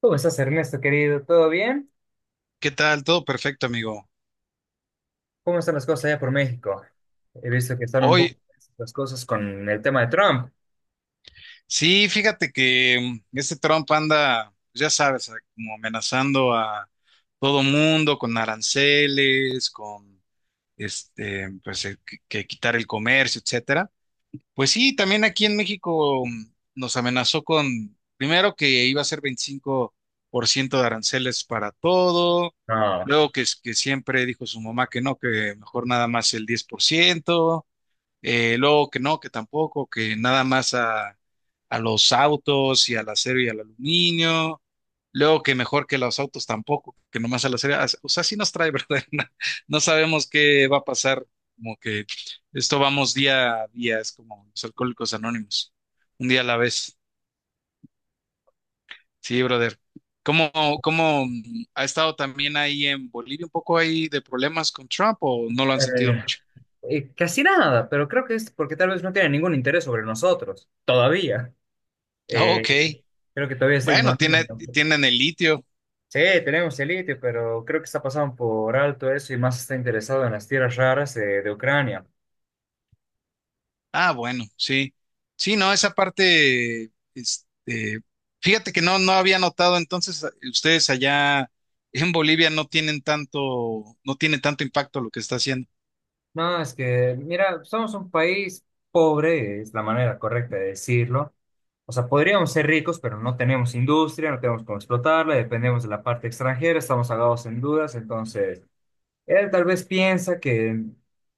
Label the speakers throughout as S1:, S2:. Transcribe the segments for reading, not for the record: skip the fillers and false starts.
S1: ¿Cómo estás, Ernesto, querido? ¿Todo bien?
S2: ¿Qué tal? Todo perfecto, amigo.
S1: ¿Cómo están las cosas allá por México? He visto que están un poco
S2: Hoy,
S1: tensas las cosas con el tema de Trump.
S2: sí, fíjate que Trump anda, ya sabes, como amenazando a todo mundo con aranceles, con pues que quitar el comercio, etcétera. Pues sí, también aquí en México nos amenazó con, primero que iba a ser 25% de aranceles para todo,
S1: No,
S2: luego que, que siempre dijo su mamá que no, que mejor nada más el 10%. Luego que no, que tampoco, que nada más a los autos y al acero y al aluminio. Luego que mejor que los autos tampoco, que nomás al acero. O sea, sí nos trae, ¿verdad? No, no sabemos qué va a pasar. Como que esto vamos día a día, es como los alcohólicos anónimos, un día a la vez. Sí, brother. ¿Cómo, ¿cómo ha estado también ahí en Bolivia un poco ahí de problemas con Trump o no lo han sentido
S1: eh,
S2: mucho?
S1: casi nada, pero creo que es porque tal vez no tiene ningún interés sobre nosotros, todavía. Eh,
S2: Ok,
S1: Creo que todavía está
S2: bueno,
S1: ignorando.
S2: tienen el litio.
S1: Sí, tenemos el litio, pero creo que está pasando por alto eso y más está interesado en las tierras raras de Ucrania.
S2: Ah, bueno, sí. Sí, no, esa parte, fíjate que no, no había notado, entonces ustedes allá en Bolivia no tienen tanto, no tiene tanto impacto lo que está haciendo.
S1: No, es que, mira, somos un país pobre, es la manera correcta de decirlo. O sea, podríamos ser ricos, pero no tenemos industria, no tenemos cómo explotarla, dependemos de la parte extranjera, estamos agados en dudas. Entonces, él tal vez piensa que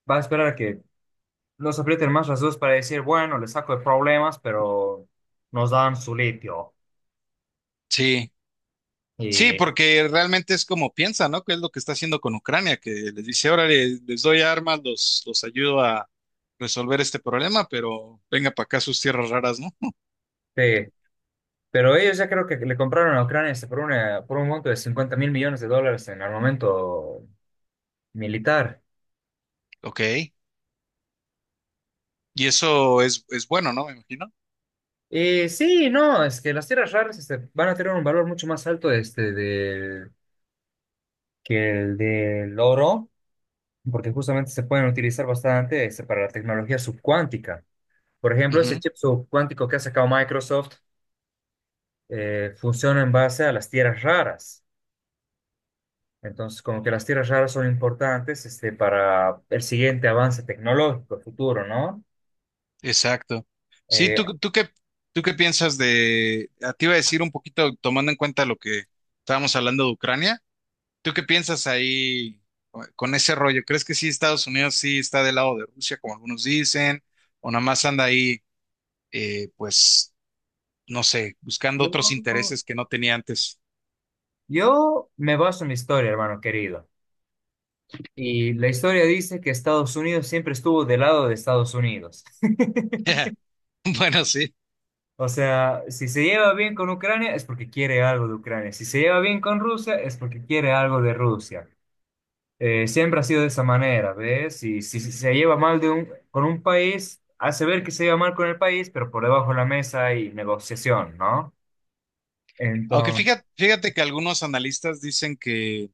S1: va a esperar a que nos aprieten más las dudas para decir, bueno, le saco de problemas, pero nos dan su litio.
S2: Sí, sí,
S1: Y,
S2: porque realmente es como piensa, ¿no? Que es lo que está haciendo con Ucrania, que les dice, ahora doy armas, los ayudo a resolver este problema, pero venga para acá a sus tierras raras, ¿no?
S1: sí, pero ellos ya creo que le compraron a Ucrania por un monto de $50.000 millones en armamento militar.
S2: Ok. Y es bueno, ¿no? Me imagino.
S1: Sí, no, es que las tierras raras van a tener un valor mucho más alto que el del oro, porque justamente se pueden utilizar bastante para la tecnología subcuántica. Por ejemplo, ese chip subcuántico que ha sacado Microsoft funciona en base a las tierras raras. Entonces, como que las tierras raras son importantes para el siguiente avance tecnológico futuro, ¿no?
S2: Exacto. Sí,
S1: Eh,
S2: ¿tú qué piensas de, a ti iba a decir un poquito tomando en cuenta lo que estábamos hablando de Ucrania, ¿tú qué piensas ahí con ese rollo? ¿Crees que sí Estados Unidos sí está del lado de Rusia, como algunos dicen, o nada más anda ahí, pues, no sé, buscando otros
S1: yo,
S2: intereses que no tenía antes?
S1: yo me baso en mi historia, hermano querido. Y la historia dice que Estados Unidos siempre estuvo del lado de Estados Unidos.
S2: Bueno, sí.
S1: O sea, si se lleva bien con Ucrania es porque quiere algo de Ucrania. Si se lleva bien con Rusia es porque quiere algo de Rusia. Siempre ha sido de esa manera, ¿ves? Y si se lleva mal con un país, hace ver que se lleva mal con el país, pero por debajo de la mesa hay negociación, ¿no?
S2: Aunque
S1: Entonces,
S2: fíjate que algunos analistas dicen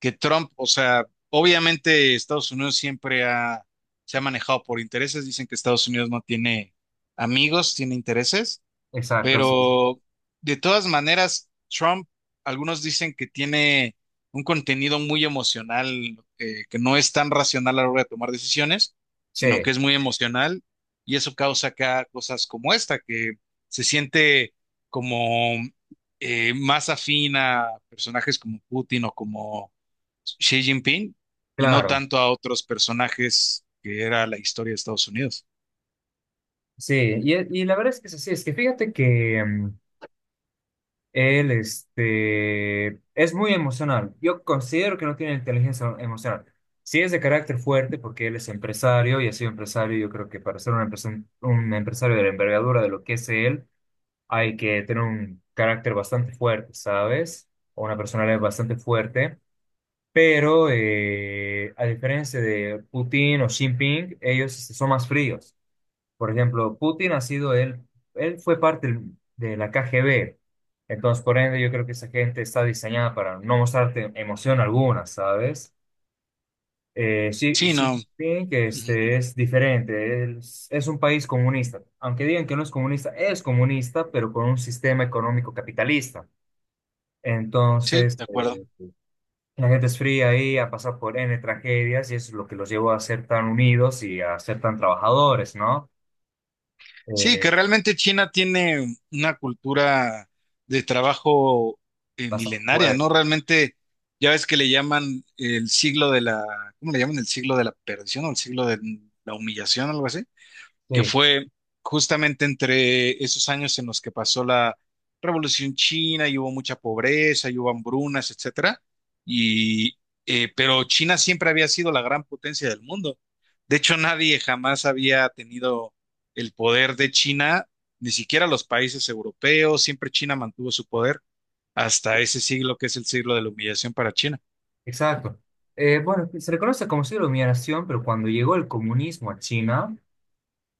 S2: que Trump, o sea, obviamente Estados Unidos siempre ha, se ha manejado por intereses, dicen que Estados Unidos no tiene amigos, tiene intereses,
S1: exacto, sí.
S2: pero de todas maneras, Trump, algunos dicen que tiene un contenido muy emocional, que no es tan racional a la hora de tomar decisiones, sino que
S1: Sí,
S2: es muy emocional y eso causa acá cosas como esta, que se siente como... más afín a personajes como Putin o como Xi Jinping y no
S1: claro.
S2: tanto a otros personajes que era la historia de Estados Unidos.
S1: Sí, y la verdad es que es así. Es que fíjate que él es muy emocional. Yo considero que no tiene inteligencia emocional. Sí es de carácter fuerte porque él es empresario y ha sido empresario. Yo creo que para ser un empresario de la envergadura de lo que es él, hay que tener un carácter bastante fuerte, ¿sabes? O una personalidad bastante fuerte. Pero a diferencia de Putin o Xi Jinping, ellos son más fríos. Por ejemplo, Putin él fue parte de la KGB. Entonces, por ende, yo creo que esa gente está diseñada para no mostrarte emoción alguna, ¿sabes? Eh, Xi,
S2: Sí,
S1: Xi
S2: no.
S1: Jinping, que
S2: Ujú.
S1: es diferente, es un país comunista. Aunque digan que no es comunista, es comunista, pero con un sistema económico capitalista.
S2: Sí,
S1: Entonces,
S2: de acuerdo.
S1: la gente es fría ahí, ha pasado por N tragedias y eso es lo que los llevó a ser tan unidos y a ser tan trabajadores, ¿no?
S2: Sí, que
S1: Eh,
S2: realmente China tiene una cultura de trabajo
S1: Bastante
S2: milenaria,
S1: fuerte,
S2: ¿no? Realmente, ya ves que le llaman el siglo de la, ¿cómo le llaman? El siglo de la perdición o el siglo de la humillación, algo así, que
S1: sí.
S2: fue justamente entre esos años en los que pasó la Revolución China y hubo mucha pobreza y hubo hambrunas, etcétera. Y, pero China siempre había sido la gran potencia del mundo. De hecho, nadie jamás había tenido el poder de China, ni siquiera los países europeos. Siempre China mantuvo su poder hasta ese siglo que es el siglo de la humillación para China.
S1: Exacto. Bueno, se le conoce como siglo de humillación, pero cuando llegó el comunismo a China,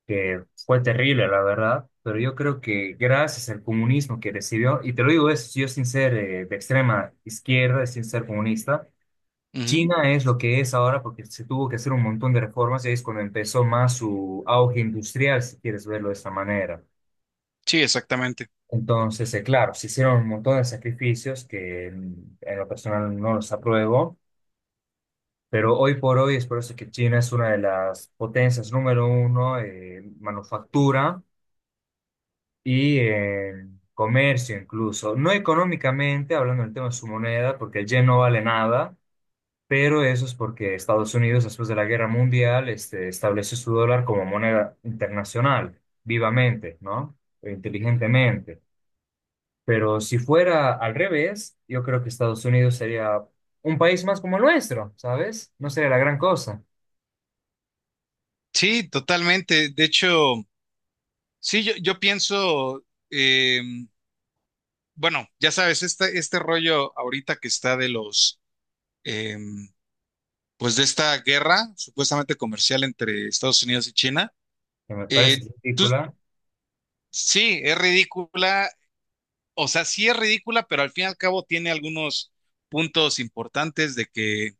S1: que fue terrible, la verdad, pero yo creo que gracias al comunismo que recibió, y te lo digo eso, yo sin ser de extrema izquierda, sin ser comunista,
S2: Ujú.
S1: China es lo que es ahora porque se tuvo que hacer un montón de reformas y ahí es cuando empezó más su auge industrial, si quieres verlo de esa manera.
S2: Sí, exactamente.
S1: Entonces, claro, se hicieron un montón de sacrificios que en lo personal no los apruebo. Pero hoy por hoy es por eso que China es una de las potencias número uno en manufactura y en comercio incluso. No económicamente, hablando del tema de su moneda, porque el yen no vale nada, pero eso es porque Estados Unidos, después de la Guerra Mundial, estableció su dólar como moneda internacional, vivamente, ¿no? E inteligentemente. Pero si fuera al revés, yo creo que Estados Unidos sería un país más como el nuestro, ¿sabes? No sería la gran cosa.
S2: Sí, totalmente. De hecho, sí, yo pienso, em, bueno, ya sabes, este rollo ahorita que está de los, em, pues de esta guerra supuestamente comercial entre Estados Unidos y China,
S1: Que me parece
S2: eh, tú-
S1: ridícula.
S2: sí, es ridícula, o sea, sí es ridícula, pero al fin y al cabo tiene algunos puntos importantes de que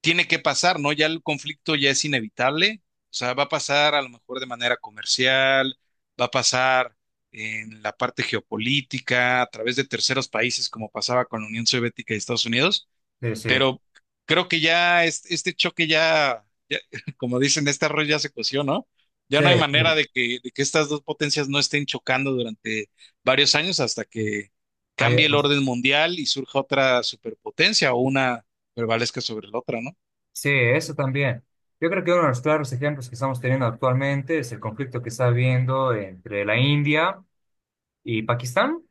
S2: tiene que pasar, ¿no? Ya el conflicto ya es inevitable, o sea, va a pasar a lo mejor de manera comercial, va a pasar en la parte geopolítica, a través de terceros países, como pasaba con la Unión Soviética y Estados Unidos.
S1: Sí, sí,
S2: Pero creo que este choque ya, como dicen, este arroz ya se coció, ¿no? Ya
S1: sí,
S2: no hay manera
S1: sí.
S2: de de que estas dos potencias no estén chocando durante varios años hasta que cambie
S1: Hay-
S2: el orden mundial y surja otra superpotencia o una prevalezca sobre la otra, ¿no?
S1: sí, eso también. Yo creo que uno de los claros ejemplos que estamos teniendo actualmente es el conflicto que está habiendo entre la India y Pakistán.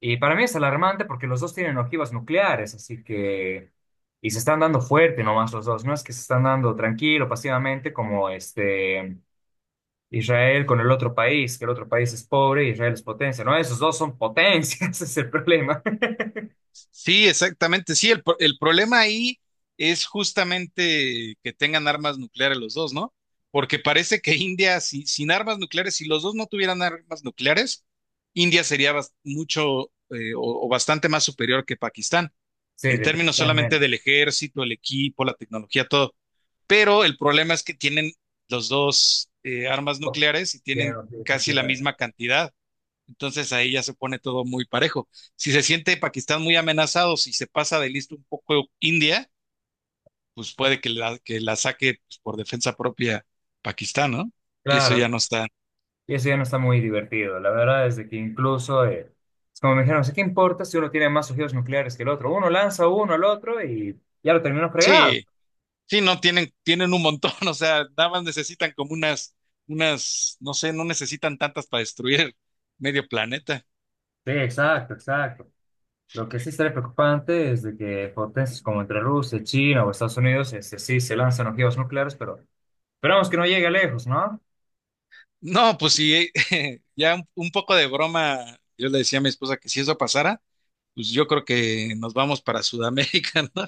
S1: Y para mí es alarmante porque los dos tienen ojivas nucleares, así que... Y se están dando fuerte nomás los dos, no es que se están dando tranquilo, pasivamente, como Israel con el otro país, que el otro país es pobre y Israel es potencia. No, esos dos son potencias, ese es el problema.
S2: Sí, exactamente. Sí, el problema ahí es justamente que tengan armas nucleares los dos, ¿no? Porque parece que India, sin armas nucleares, si los dos no tuvieran armas nucleares, India sería mucho o bastante más superior que Pakistán,
S1: Sí,
S2: en términos solamente
S1: definitivamente.
S2: del ejército, el equipo, la tecnología, todo. Pero el problema es que tienen los dos armas nucleares y
S1: Bien,
S2: tienen
S1: no, sí, no,
S2: casi la
S1: claro.
S2: misma cantidad. Entonces ahí ya se pone todo muy parejo. Si se siente Pakistán muy amenazado, si se pasa de listo un poco India, pues puede que que la saque pues, por defensa propia Pakistán, ¿no? Y eso ya
S1: Claro,
S2: no está.
S1: y eso ya no está muy divertido. La verdad es de que incluso, es como me dijeron: "Sí, ¿qué importa si uno tiene más ojivas nucleares que el otro? Uno lanza uno al otro y ya lo terminó fregado".
S2: Sí, sí, no, tienen un montón, o sea, nada más necesitan como unas, no sé, no necesitan tantas para destruir medio planeta.
S1: Sí, exacto, exacto. Lo que sí estaría preocupante es de que potencias como entre Rusia, China o Estados Unidos, sí se lanzan ojivas nucleares, pero esperamos que no llegue lejos, ¿no?
S2: No, pues sí, ya un poco de broma, yo le decía a mi esposa que si eso pasara, pues yo creo que nos vamos para Sudamérica, ¿no?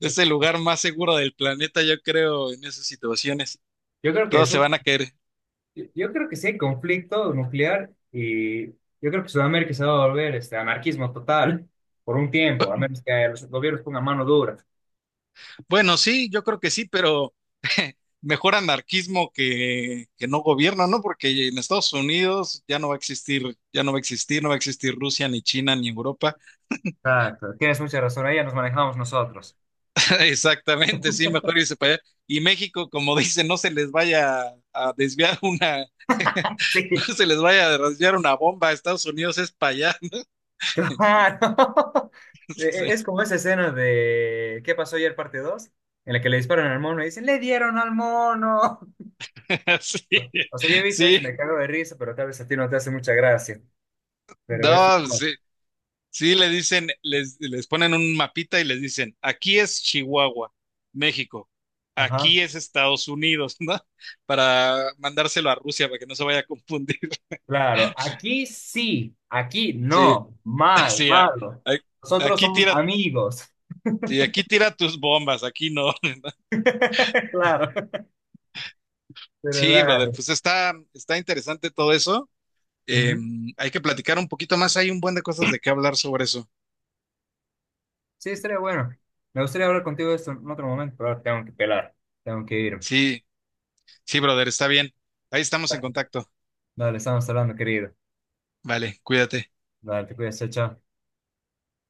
S2: Es el lugar más seguro del planeta, yo creo, en esas situaciones.
S1: Yo creo que
S2: Todos se
S1: eso
S2: van a caer.
S1: yo creo que sí hay conflicto nuclear y yo creo que Sudamérica se va a volver anarquismo total por un tiempo, a menos que los gobiernos pongan mano dura.
S2: Bueno, sí, yo creo que sí, pero mejor anarquismo que no gobierno, ¿no? Porque en Estados Unidos ya no va a existir, ya no va a existir, no va a existir Rusia, ni China, ni Europa.
S1: Exacto, tienes mucha razón, ahí ya nos manejamos nosotros.
S2: Exactamente, sí, mejor irse para allá. Y México, como dicen, no se les vaya a desviar una, no
S1: Sí,
S2: se les vaya a desviar una bomba. Estados Unidos es para allá.
S1: claro.
S2: Sí,
S1: Es como esa escena de ¿Qué pasó ayer?, parte dos. En la que le disparan al mono y dicen, ¡le dieron al mono!
S2: sí,
S1: O sea, yo he visto eso
S2: sí,
S1: y me cago de risa, pero tal vez a ti no te hace mucha gracia. Pero es...
S2: no, sí, sí, le dicen, les ponen un mapita y les dicen, aquí es Chihuahua, México,
S1: Ajá.
S2: aquí es Estados Unidos, ¿no? Para mandárselo a Rusia para que no se vaya a confundir.
S1: Claro, aquí sí, aquí
S2: Sí,
S1: no, mal,
S2: sí,
S1: malo. Nosotros
S2: aquí
S1: somos
S2: tira,
S1: amigos.
S2: sí, aquí tira tus bombas, aquí no.
S1: Claro, pero
S2: Sí, brother,
S1: dale.
S2: pues está, está interesante todo eso.
S1: Ujú.
S2: Em, hay que platicar un poquito más, hay un buen de cosas de qué hablar sobre eso.
S1: Sí, estaría bueno. Me gustaría hablar contigo de esto en otro momento, pero ahora tengo que pelar, tengo que ir.
S2: Sí. Sí, brother, está bien. Ahí estamos en contacto.
S1: Dale, estamos hablando, querido.
S2: Vale, cuídate.
S1: Dale, te cuidas, chao. Chao.